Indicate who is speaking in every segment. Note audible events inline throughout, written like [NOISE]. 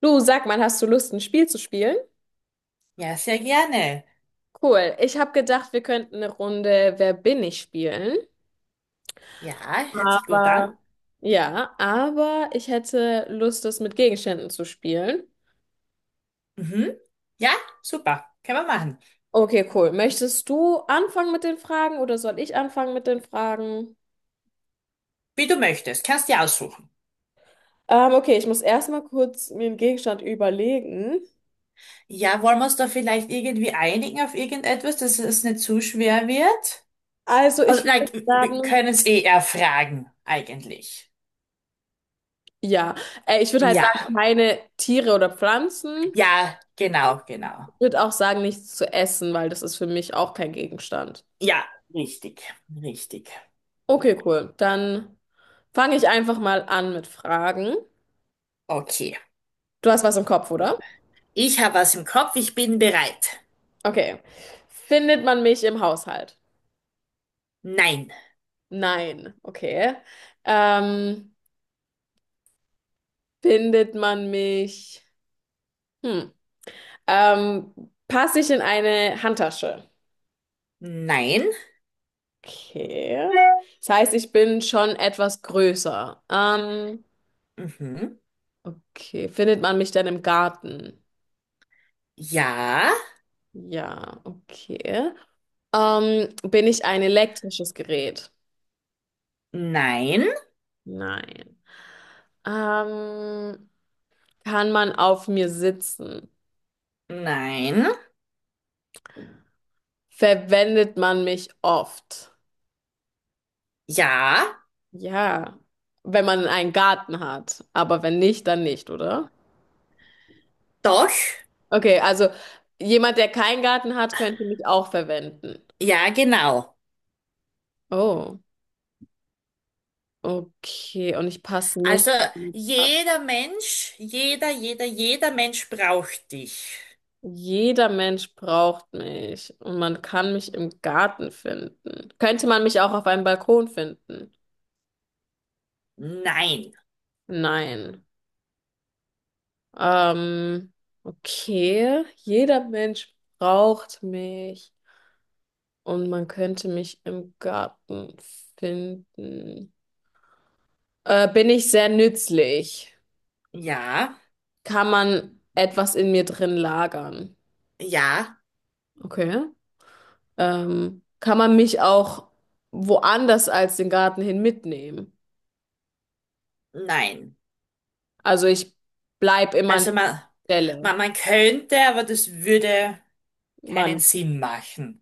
Speaker 1: Du, sag mal, hast du Lust, ein Spiel zu spielen?
Speaker 2: Ja, sehr gerne.
Speaker 1: Cool. Ich habe gedacht, wir könnten eine Runde Wer bin ich spielen.
Speaker 2: Ja, hört sich gut
Speaker 1: Aber.
Speaker 2: an.
Speaker 1: Ja, aber ich hätte Lust, das mit Gegenständen zu spielen.
Speaker 2: Mhm. Ja, super. Können wir machen.
Speaker 1: Okay, cool. Möchtest du anfangen mit den Fragen oder soll ich anfangen mit den Fragen?
Speaker 2: Wie du möchtest. Kannst dir aussuchen.
Speaker 1: Okay, ich muss erstmal kurz mir einen Gegenstand überlegen.
Speaker 2: Ja, wollen wir uns da vielleicht irgendwie einigen auf irgendetwas, dass es nicht zu schwer wird?
Speaker 1: Also,
Speaker 2: Also,
Speaker 1: ich würde
Speaker 2: like, wir
Speaker 1: sagen,
Speaker 2: können es eh erfragen, eigentlich.
Speaker 1: ja, ich würde halt
Speaker 2: Ja,
Speaker 1: sagen, keine Tiere oder Pflanzen.
Speaker 2: ja, genau, genau.
Speaker 1: Ich würde auch sagen, nichts zu essen, weil das ist für mich auch kein Gegenstand.
Speaker 2: Ja, richtig, richtig.
Speaker 1: Okay, cool. Dann fange ich einfach mal an mit Fragen.
Speaker 2: Okay.
Speaker 1: Du hast was im Kopf, oder?
Speaker 2: Ich habe was im Kopf. Ich bin bereit.
Speaker 1: Okay. Findet man mich im Haushalt?
Speaker 2: Nein.
Speaker 1: Nein. Okay. Ähm, Findet man mich? Hm. Ähm, Passe ich in eine Handtasche?
Speaker 2: Nein.
Speaker 1: Okay. Das heißt, ich bin schon etwas größer.
Speaker 2: Mhm.
Speaker 1: Okay. Findet man mich denn im Garten?
Speaker 2: Ja.
Speaker 1: Ja, okay. Bin ich ein elektrisches Gerät?
Speaker 2: Nein.
Speaker 1: Nein. Ähm, Kann man auf mir sitzen?
Speaker 2: Nein.
Speaker 1: Verwendet man mich oft?
Speaker 2: Ja,
Speaker 1: Ja, wenn man einen Garten hat. Aber wenn nicht, dann nicht, oder?
Speaker 2: doch,
Speaker 1: Okay, also jemand, der keinen Garten hat, könnte mich auch verwenden.
Speaker 2: ja, genau.
Speaker 1: Oh, okay. Und ich passe nicht.
Speaker 2: Also jeder Mensch, jeder Mensch braucht dich.
Speaker 1: Jeder Mensch braucht mich und man kann mich im Garten finden. Könnte man mich auch auf einem Balkon finden?
Speaker 2: Nein,
Speaker 1: Nein. Ähm, okay, jeder Mensch braucht mich und man könnte mich im Garten finden. Bin ich sehr nützlich?
Speaker 2: ja,
Speaker 1: Kann man etwas in mir drin lagern?
Speaker 2: ja,
Speaker 1: Okay. Kann man mich auch woanders als den Garten hin mitnehmen?
Speaker 2: nein.
Speaker 1: Also ich bleib immer an
Speaker 2: Also man,
Speaker 1: der Stelle.
Speaker 2: man, man könnte, aber das würde keinen
Speaker 1: Mann.
Speaker 2: Sinn machen.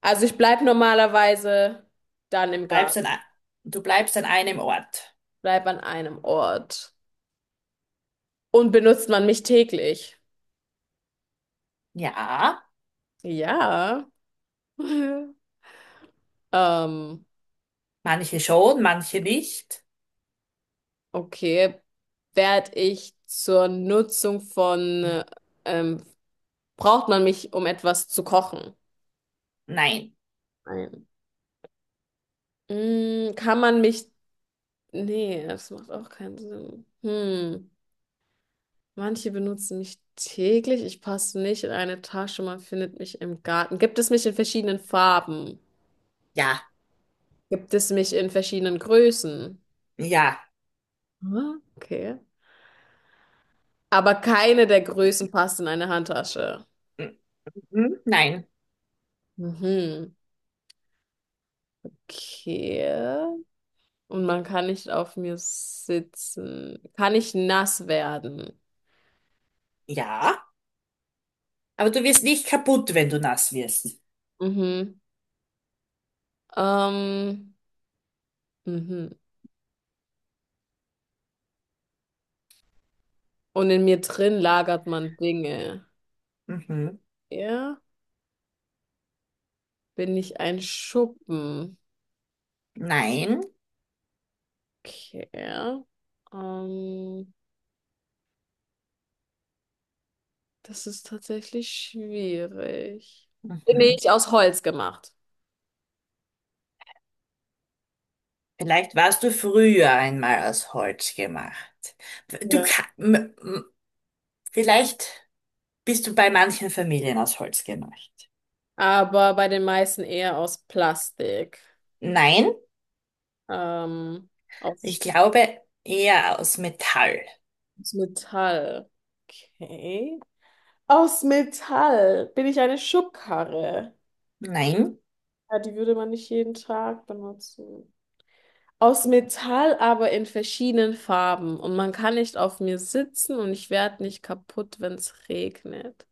Speaker 1: Also ich bleib normalerweise dann
Speaker 2: Du
Speaker 1: im
Speaker 2: bleibst an,
Speaker 1: Garten,
Speaker 2: du bleibst an einem Ort.
Speaker 1: bleib an einem Ort. Und benutzt man mich täglich?
Speaker 2: Ja,
Speaker 1: Ja. [LAUGHS] Ähm,
Speaker 2: manche schon, manche nicht.
Speaker 1: okay. Werd ich zur Nutzung von, ähm, Braucht man mich, um etwas zu kochen?
Speaker 2: Nein,
Speaker 1: Nein. Mm, nee, das macht auch keinen Sinn. Hm. Manche benutzen mich täglich. Ich passe nicht in eine Tasche. Man findet mich im Garten. Gibt es mich in verschiedenen Farben?
Speaker 2: ja,
Speaker 1: Gibt es mich in verschiedenen Größen?
Speaker 2: ja,
Speaker 1: Ah, okay. Aber keine der Größen passt in eine Handtasche.
Speaker 2: mhm. Mhm, nein,
Speaker 1: Mhm. Okay. Und man kann nicht auf mir sitzen. Kann ich nass werden?
Speaker 2: ja. Aber du wirst nicht kaputt, wenn du nass wirst.
Speaker 1: Mhm. Ähm, mhm. Und in mir drin lagert man Dinge.
Speaker 2: Mhm.
Speaker 1: Ja. Bin ich ein Schuppen?
Speaker 2: Nein.
Speaker 1: Okay. Ähm, Das ist tatsächlich schwierig. Bin
Speaker 2: Mhm.
Speaker 1: ich aus Holz gemacht?
Speaker 2: Vielleicht warst du früher einmal aus Holz gemacht. Du
Speaker 1: Ja.
Speaker 2: ka- m- m- Vielleicht bist du bei manchen Familien aus Holz gemacht.
Speaker 1: Aber bei den meisten eher aus Plastik.
Speaker 2: Nein,
Speaker 1: Ähm,
Speaker 2: ich
Speaker 1: Aus
Speaker 2: glaube eher aus Metall.
Speaker 1: Metall. Okay. Aus Metall bin ich eine Schubkarre.
Speaker 2: Nein,
Speaker 1: Ja, die würde man nicht jeden Tag benutzen. Aus Metall, aber in verschiedenen Farben. Und man kann nicht auf mir sitzen und ich werde nicht kaputt, wenn es regnet.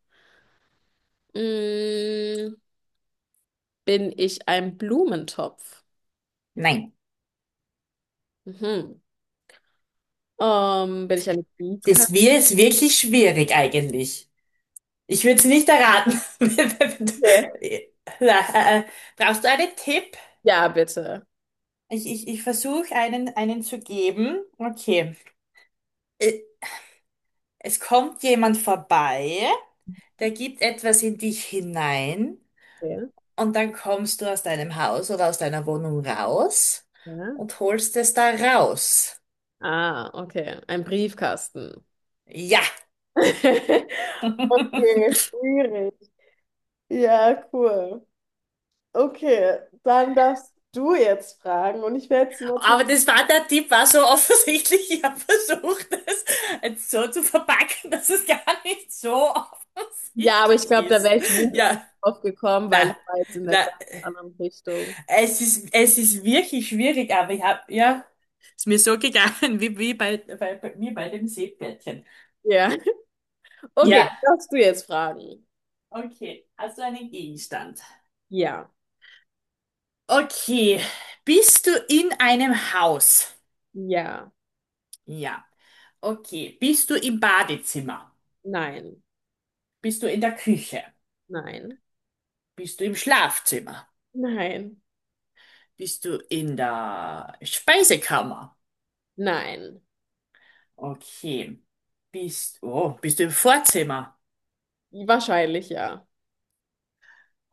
Speaker 1: Mm, bin ich ein Blumentopf?
Speaker 2: nein.
Speaker 1: Mhm. Bin ich eine Briefkasten?
Speaker 2: Das wäre es wirklich schwierig eigentlich. Ich würde es nicht erraten. [LAUGHS]
Speaker 1: Nee.
Speaker 2: Na, brauchst du einen Tipp?
Speaker 1: Ja, bitte.
Speaker 2: Ich versuche einen zu geben. Okay. Äh, Es kommt jemand vorbei. Der gibt etwas in dich hinein
Speaker 1: Okay.
Speaker 2: und dann kommst du aus deinem Haus oder aus deiner Wohnung raus
Speaker 1: Ja.
Speaker 2: und holst es da raus.
Speaker 1: Ah, okay. Ein Briefkasten.
Speaker 2: Ja.
Speaker 1: [LAUGHS] Okay,
Speaker 2: [LAUGHS] Aber
Speaker 1: schwierig. Ja, cool. Okay, dann darfst du jetzt fragen und ich werde sie natürlich.
Speaker 2: das war der Tipp, war so offensichtlich. Ich habe versucht, das jetzt so zu verpacken, dass es gar nicht so
Speaker 1: Ja, aber ich
Speaker 2: offensichtlich
Speaker 1: glaube, da
Speaker 2: ist.
Speaker 1: wäre ich wirklich
Speaker 2: Ja,
Speaker 1: drauf gekommen, weil
Speaker 2: na,
Speaker 1: ich war jetzt in der
Speaker 2: na,
Speaker 1: ganz anderen Richtung.
Speaker 2: es ist wirklich schwierig, aber ich habe, ja, ist mir so gegangen, wie, wie bei, bei, bei mir bei dem Seepferdchen.
Speaker 1: Ja. [LAUGHS] Okay,
Speaker 2: Ja.
Speaker 1: darfst du jetzt fragen.
Speaker 2: Okay, also einen Gegenstand.
Speaker 1: Ja,
Speaker 2: Okay, bist du in einem Haus?
Speaker 1: ja,
Speaker 2: Ja. Okay, bist du im Badezimmer?
Speaker 1: nein,
Speaker 2: Bist du in der Küche?
Speaker 1: nein,
Speaker 2: Bist du im Schlafzimmer?
Speaker 1: nein,
Speaker 2: Bist du in der Speisekammer?
Speaker 1: nein.
Speaker 2: Okay. Oh, bist du im Vorzimmer?
Speaker 1: Wahrscheinlich ja.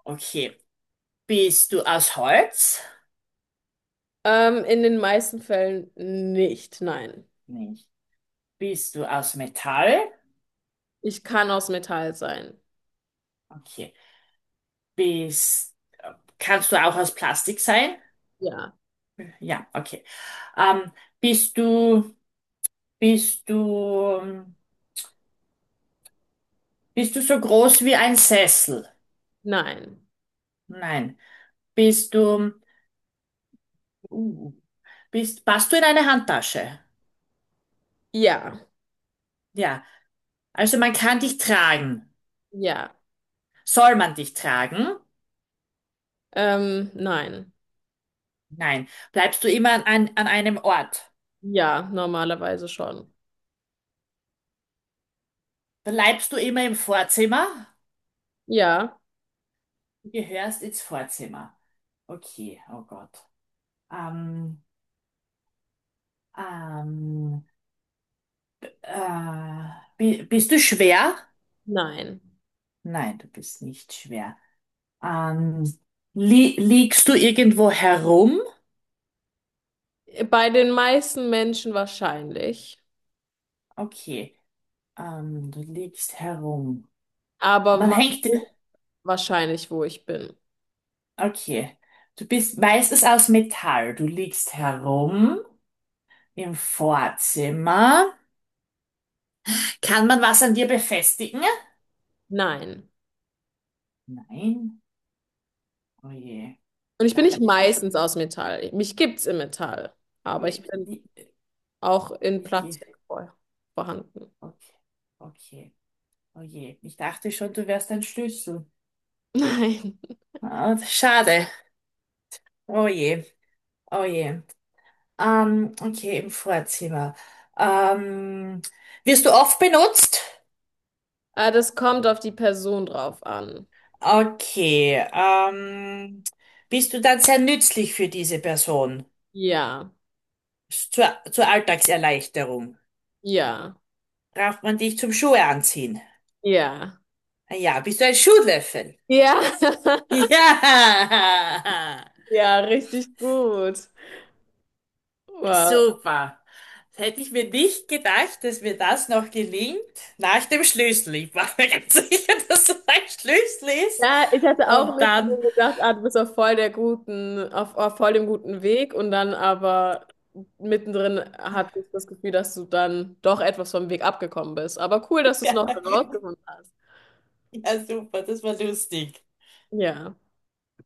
Speaker 2: Okay. Bist du aus Holz?
Speaker 1: In den meisten Fällen nicht, nein.
Speaker 2: Nicht. Bist du aus Metall?
Speaker 1: Ich kann aus Metall sein.
Speaker 2: Okay. Bist, kannst du auch aus Plastik sein?
Speaker 1: Ja,
Speaker 2: Ja, okay. Ähm, bist du, bist du, bist du so groß wie ein Sessel?
Speaker 1: nein.
Speaker 2: Nein. Bist du, uh, passt du in eine Handtasche?
Speaker 1: Ja.
Speaker 2: Ja. Also man kann dich tragen.
Speaker 1: Ja,
Speaker 2: Soll man dich tragen?
Speaker 1: nein.
Speaker 2: Nein. Bleibst du immer an einem Ort?
Speaker 1: Ja, normalerweise schon.
Speaker 2: Bleibst du immer im Vorzimmer?
Speaker 1: Ja,
Speaker 2: Du gehörst ins Vorzimmer. Okay, oh Gott. Ähm, ähm, äh, bist du schwer?
Speaker 1: nein.
Speaker 2: Nein, du bist nicht schwer. Ähm, li liegst du irgendwo herum?
Speaker 1: Bei den meisten Menschen wahrscheinlich,
Speaker 2: Okay. Du liegst herum.
Speaker 1: aber
Speaker 2: Man
Speaker 1: man
Speaker 2: hängt.
Speaker 1: weiß wahrscheinlich, wo ich bin.
Speaker 2: Okay. Du bist meistens aus Metall. Du liegst herum im Vorzimmer. Kann man was an dir befestigen?
Speaker 1: Nein.
Speaker 2: Nein. Oh je.
Speaker 1: Und ich bin nicht
Speaker 2: Dachte schon, ich.
Speaker 1: meistens aus Metall. Mich gibt's im Metall, aber ich
Speaker 2: mi-
Speaker 1: bin
Speaker 2: die-
Speaker 1: auch in
Speaker 2: Ich gehe.
Speaker 1: Plastik vorhanden.
Speaker 2: Okay. Okay. Oh je. Ich dachte schon, du wärst ein Schlüssel.
Speaker 1: [LAUGHS] Nein.
Speaker 2: Ah, schade. Oh je. Oh je. Okay, im Vorzimmer. Ähm, wirst du oft benutzt?
Speaker 1: Das kommt auf die Person drauf an.
Speaker 2: Okay. Bist du dann sehr nützlich für diese Person?
Speaker 1: Ja,
Speaker 2: Zur Alltagserleichterung.
Speaker 1: ja,
Speaker 2: Braucht man dich zum Schuhe anziehen?
Speaker 1: ja,
Speaker 2: Ah ja, bist du ein Schuhlöffel?
Speaker 1: ja. [LAUGHS]
Speaker 2: [LAUGHS] Ja,
Speaker 1: Ja, richtig gut. Wow.
Speaker 2: super. Das hätte ich mir nicht gedacht, dass mir das noch gelingt. Nach dem Schlüssel. Ich war mir ganz [LAUGHS] sicher, dass es ein Schlüssel ist.
Speaker 1: Ja, ich hatte auch
Speaker 2: Und
Speaker 1: mit mir
Speaker 2: dann.
Speaker 1: gedacht, ah, du bist auf voll der guten, auf voll dem guten Weg und dann aber mittendrin hatte ich das Gefühl, dass du dann doch etwas vom Weg abgekommen bist. Aber cool, dass du es
Speaker 2: Ja,
Speaker 1: noch
Speaker 2: [LAUGHS]
Speaker 1: herausgefunden hast.
Speaker 2: ja, super, das war lustig.
Speaker 1: Ja.